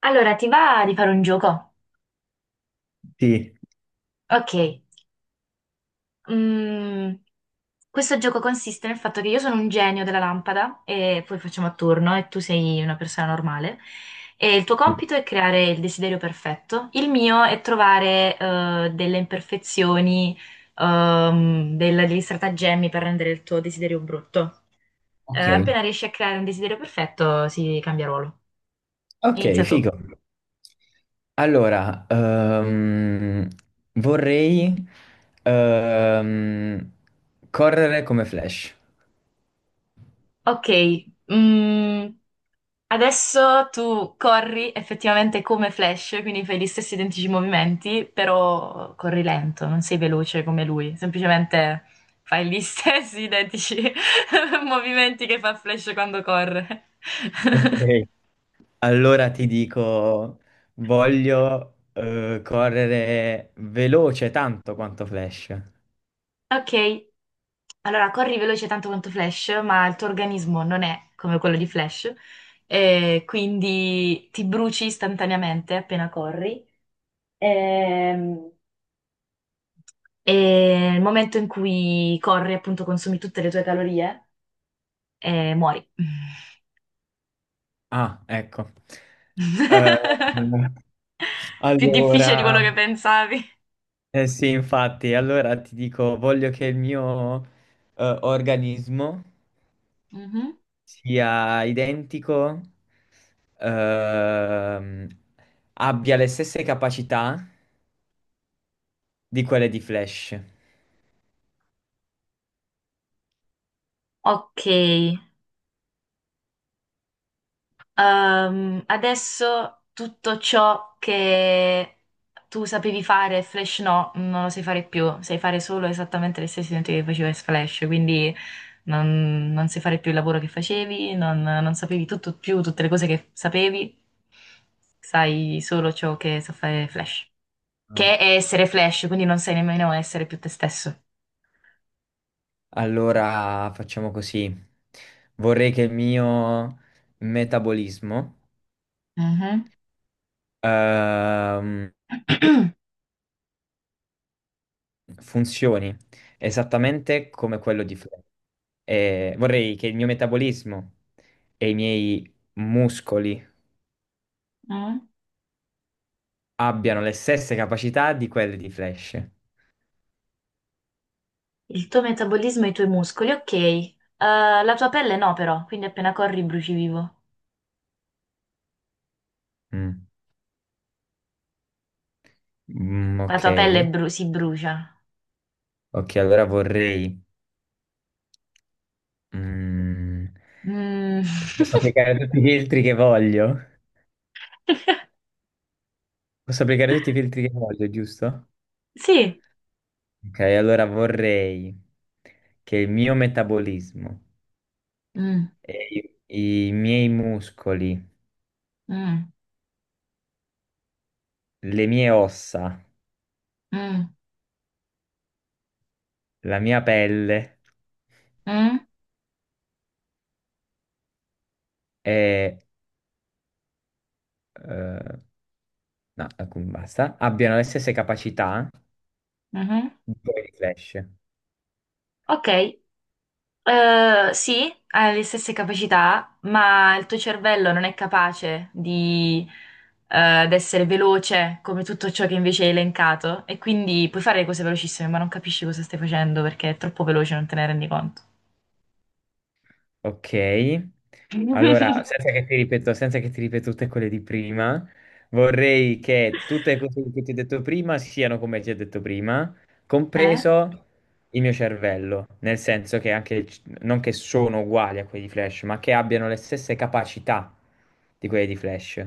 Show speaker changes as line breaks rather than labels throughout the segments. Allora, ti va di fare un gioco?
Sì.
Ok. Mm, Questo gioco consiste nel fatto che io sono un genio della lampada e poi facciamo a turno e tu sei una persona normale. E il tuo compito è creare il desiderio perfetto. Il mio è trovare delle imperfezioni, degli stratagemmi per rendere il tuo desiderio brutto. Eh,
Ok,
appena riesci a creare un desiderio perfetto, si cambia ruolo.
ok,
Inizia tu.
figo. Allora, vorrei ehm, correre come Flash.
Ok. mm, Adesso tu corri effettivamente come Flash, quindi fai gli stessi identici movimenti, però corri lento, non sei veloce come lui, semplicemente fai gli stessi identici movimenti che fa Flash quando corre.
Ok. Allora ti dico, voglio correre veloce tanto quanto Flash.
Ok, allora corri veloce tanto quanto Flash, ma il tuo organismo non è come quello di Flash, e quindi ti bruci istantaneamente appena corri. Ehm, E nel momento in cui corri, appunto, consumi tutte le tue calorie e muori.
Ah, ecco. Eh,
Più difficile di
allora,
quello che pensavi.
eh sì, infatti, allora ti dico, voglio che il mio organismo
Mhm.
sia identico, ehm, abbia le stesse capacità di quelle di Flash.
Ok, adesso tutto ciò che tu sapevi fare, Flash no, non lo sai fare più, sai fare solo esattamente le stesse identiche che facevi in Flash, quindi non sai fare più il lavoro che facevi, non sapevi tutto più tutte le cose che sapevi, sai solo ciò che sa fare Flash,
Ah,
che è essere Flash, quindi non sai nemmeno essere più te stesso.
allora facciamo così. Vorrei che il mio metabolismo
Mhm.
ehm, funzioni esattamente come quello di Flash. E vorrei che il mio metabolismo e i miei muscoli
Mm.
abbiano le stesse capacità di quelle di Flash.
Il tuo metabolismo e i tuoi muscoli, ok. La tua pelle no, però, quindi appena corri bruci vivo.
Mm. Mm,
La
ok.
tua pelle si brucia.
Ok, allora vorrei, mm,
Mm.
posso applicare tutti i filtri che voglio? Posso applicare tutti i filtri che voglio, giusto?
Sì.
Ok, allora vorrei che il mio metabolismo,
Mm,
e i miei muscoli,
mm,
le mie ossa,
mm,
la mia pelle
mm,
e eh, no, ecco, basta, abbiano le stesse capacità
mhm.
di quelli di Flash.
Ok. Sì, hai le stesse capacità, ma il tuo cervello non è capace di essere veloce come tutto ciò che invece hai elencato e quindi puoi fare le cose velocissime, ma non capisci cosa stai facendo perché è troppo veloce, non te ne rendi conto.
Ok, allora senza che ti ripeto, senza che ti ripeto tutte quelle di prima, vorrei che tutte le cose che ti ho detto prima siano come ti ho detto prima,
Eh?
compreso il mio cervello, nel senso che anche, non che sono uguali a quelli di Flash, ma che abbiano le stesse capacità di quelli di Flash.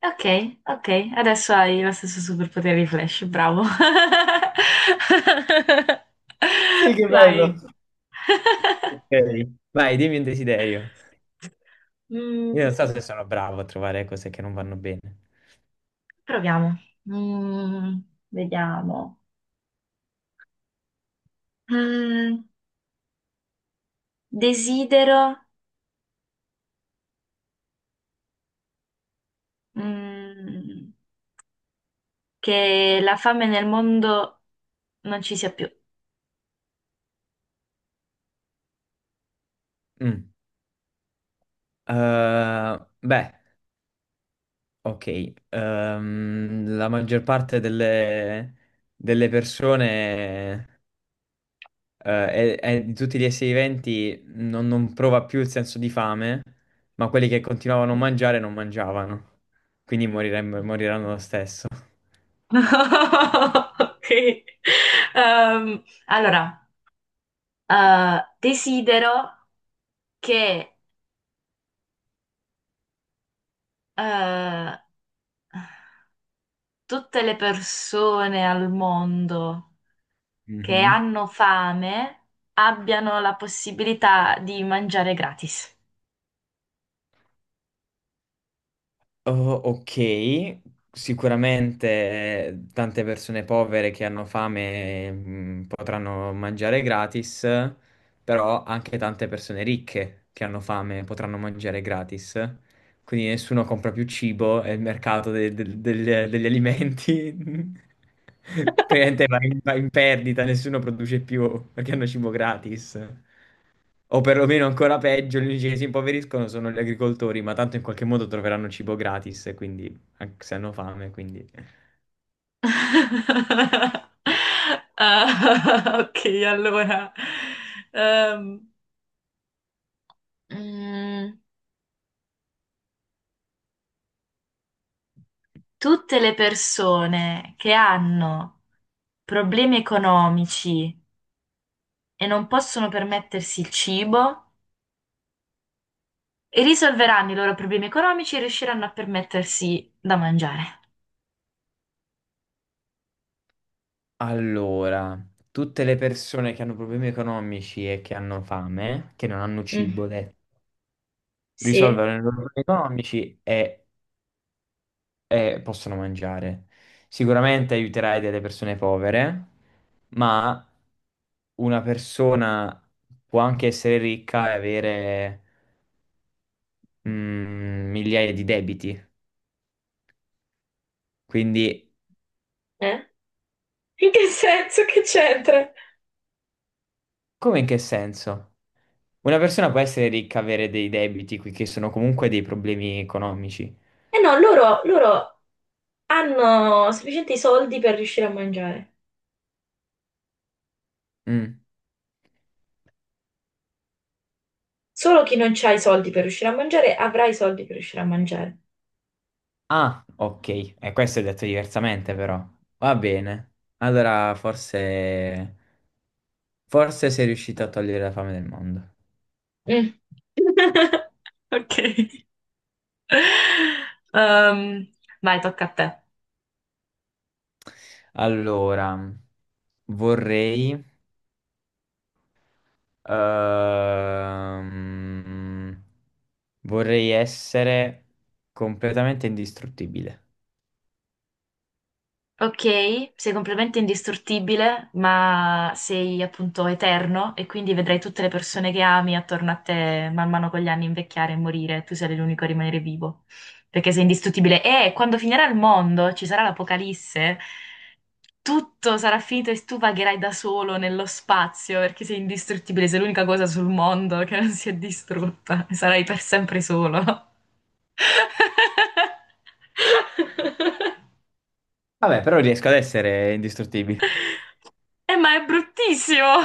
Ok, ok, adesso hai lo stesso superpotere di Flash, bravo.
Sì, che bello.
Vai.
Ok. Vai, dimmi un desiderio. Io
Mm,
non so se sono bravo a trovare cose che non vanno bene.
Proviamo. Mm, Vediamo. Mm, Desidero, mm, che la fame nel mondo non ci sia più.
Mm. Beh. Ok, la maggior parte delle persone e di tutti gli esseri viventi non prova più il senso di fame, ma quelli che continuavano a mangiare non mangiavano, quindi moriranno lo stesso.
Ok. Allora, desidero che eh, tutte le persone al mondo che
Mhm.
hanno fame abbiano la possibilità di mangiare gratis.
Oh, ok, sicuramente tante persone povere che hanno fame, mm, potranno mangiare gratis, però anche tante persone ricche che hanno fame potranno mangiare gratis, quindi nessuno compra più cibo e il mercato degli alimenti praticamente va in perdita, nessuno produce più perché hanno cibo gratis. O perlomeno ancora peggio, gli unici che si impoveriscono sono gli agricoltori, ma tanto in qualche modo troveranno cibo gratis, e quindi anche se hanno fame, quindi...
Ah, ok, allora. Ehm, mm, Tutte le persone che hanno problemi economici e non possono permettersi il cibo, risolveranno i loro problemi economici e riusciranno a permettersi da mangiare.
Allora, tutte le persone che hanno problemi economici e che hanno fame, che non hanno
Mm,
cibo,
sì?
risolvono i loro problemi economici e possono mangiare. Sicuramente aiuterai delle persone povere, ma una persona può anche essere ricca e avere, mm, migliaia di debiti. Quindi,
Eh? In che senso che c'entra?
come in che senso? Una persona può essere ricca, avere dei debiti, qui che sono comunque dei problemi economici.
Eh no, loro hanno sufficienti soldi per riuscire a mangiare.
Mm.
Solo chi non ha i soldi per riuscire a mangiare avrà i soldi per riuscire a mangiare.
Ah, ok. E questo è detto diversamente, però. Va bene. Allora, forse... Forse sei riuscito a togliere la fame del mondo.
Mm. Ok. Ehm, Vai, tocca a te.
Allora, vorrei... ehm, vorrei essere completamente indistruttibile.
Ok, sei completamente indistruttibile, ma sei appunto eterno e quindi vedrai tutte le persone che ami attorno a te man mano con gli anni invecchiare e morire, tu sarai l'unico a rimanere vivo, perché sei indistruttibile. E quando finirà il mondo, ci sarà l'apocalisse, tutto sarà finito e tu vagherai da solo nello spazio perché sei indistruttibile, sei l'unica cosa sul mondo che non si è distrutta, sarai per sempre solo.
Vabbè, però riesco ad essere indistruttibile.
Ma è bruttissimo!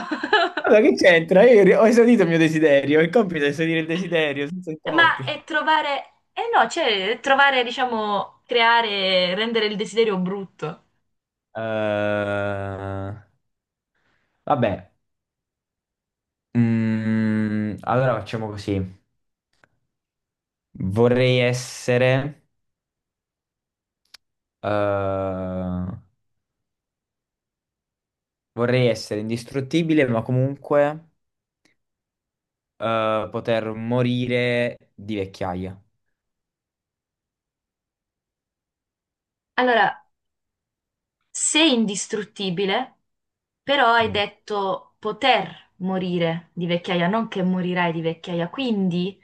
Allora, che c'entra? Ho esaudito il mio desiderio. Il compito è esaudire il desiderio, senza
Ma
intoppi.
è trovare... Eh no, cioè, è trovare, diciamo, creare, rendere il desiderio brutto.
Eh, vabbè, mm, allora facciamo così. Vorrei essere, eh, Vorrei essere indistruttibile, ma comunque poter morire di vecchiaia.
Allora, sei indistruttibile, però hai
Mm.
detto poter morire di vecchiaia, non che morirai di vecchiaia. Quindi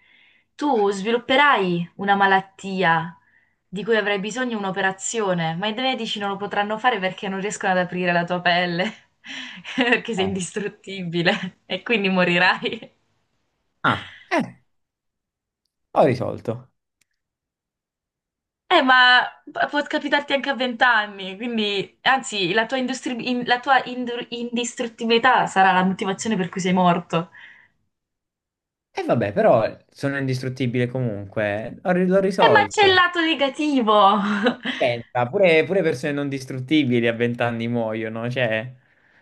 tu svilupperai una malattia di cui avrai bisogno un'operazione, ma i medici non lo potranno fare perché non riescono ad aprire la tua pelle, perché sei
Eh.
indistruttibile e quindi morirai.
Ah, ho risolto.
Ma può capitarti anche a 20 anni, quindi, anzi, la tua indistruttibilità sarà la motivazione per cui sei morto.
E vabbè, però sono indistruttibile comunque. L'ho
Ma c'è il
risolto.
lato negativo!
Pensa, pure persone non distruttibili a vent'anni muoiono, cioè...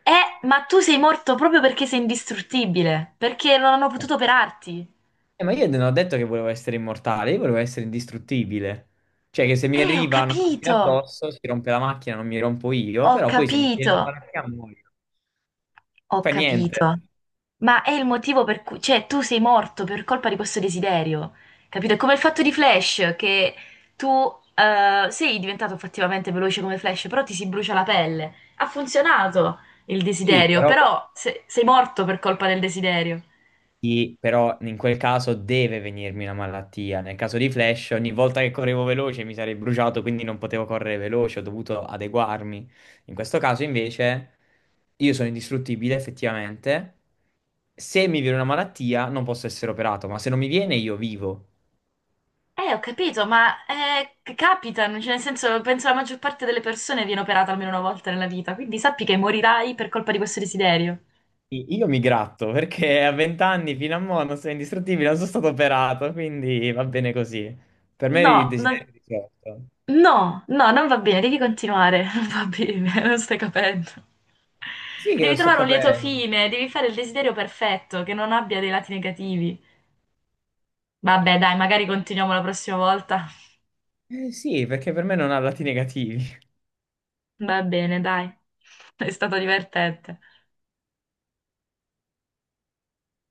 Ma tu sei morto proprio perché sei indistruttibile, perché non hanno potuto operarti.
Ma io non ho detto che volevo essere immortale, io volevo essere indistruttibile. Cioè che se mi
Ho
arriva una macchina
capito!
addosso, si rompe la macchina, non mi rompo io,
Ho
però poi se mi
capito!
viene la macchina muoio.
Ho
Fa niente.
capito. Ma è il motivo per cui, cioè, tu sei morto per colpa di questo desiderio, capito? È come il fatto di Flash, che tu sei diventato effettivamente veloce come Flash, però ti si brucia la pelle. Ha funzionato il
Sì,
desiderio,
però...
però sei morto per colpa del desiderio.
Sì, però in quel caso deve venirmi una malattia. Nel caso di Flash, ogni volta che correvo veloce mi sarei bruciato, quindi non potevo correre veloce, ho dovuto adeguarmi. In questo caso, invece, io sono indistruttibile effettivamente. Se mi viene una malattia, non posso essere operato, ma se non mi viene, io vivo.
Ho capito, ma capitano, cioè, nel senso, penso la maggior parte delle persone viene operata almeno una volta nella vita, quindi sappi che morirai per colpa di questo desiderio.
Io mi gratto perché a 20 anni fino a mo non sono indistruttibile, non sono stato operato, quindi va bene così. Per me
No,
eri il
no,
desiderio di certo.
no, no, non va bene, devi continuare, non va bene, non stai capendo.
Sì che
Devi
lo sto
trovare un lieto
capendo.
fine, devi fare il desiderio perfetto, che non abbia dei lati negativi. Vabbè, dai, magari continuiamo la prossima volta.
Eh sì, perché per me non ha lati negativi.
Va bene, dai. È stato divertente.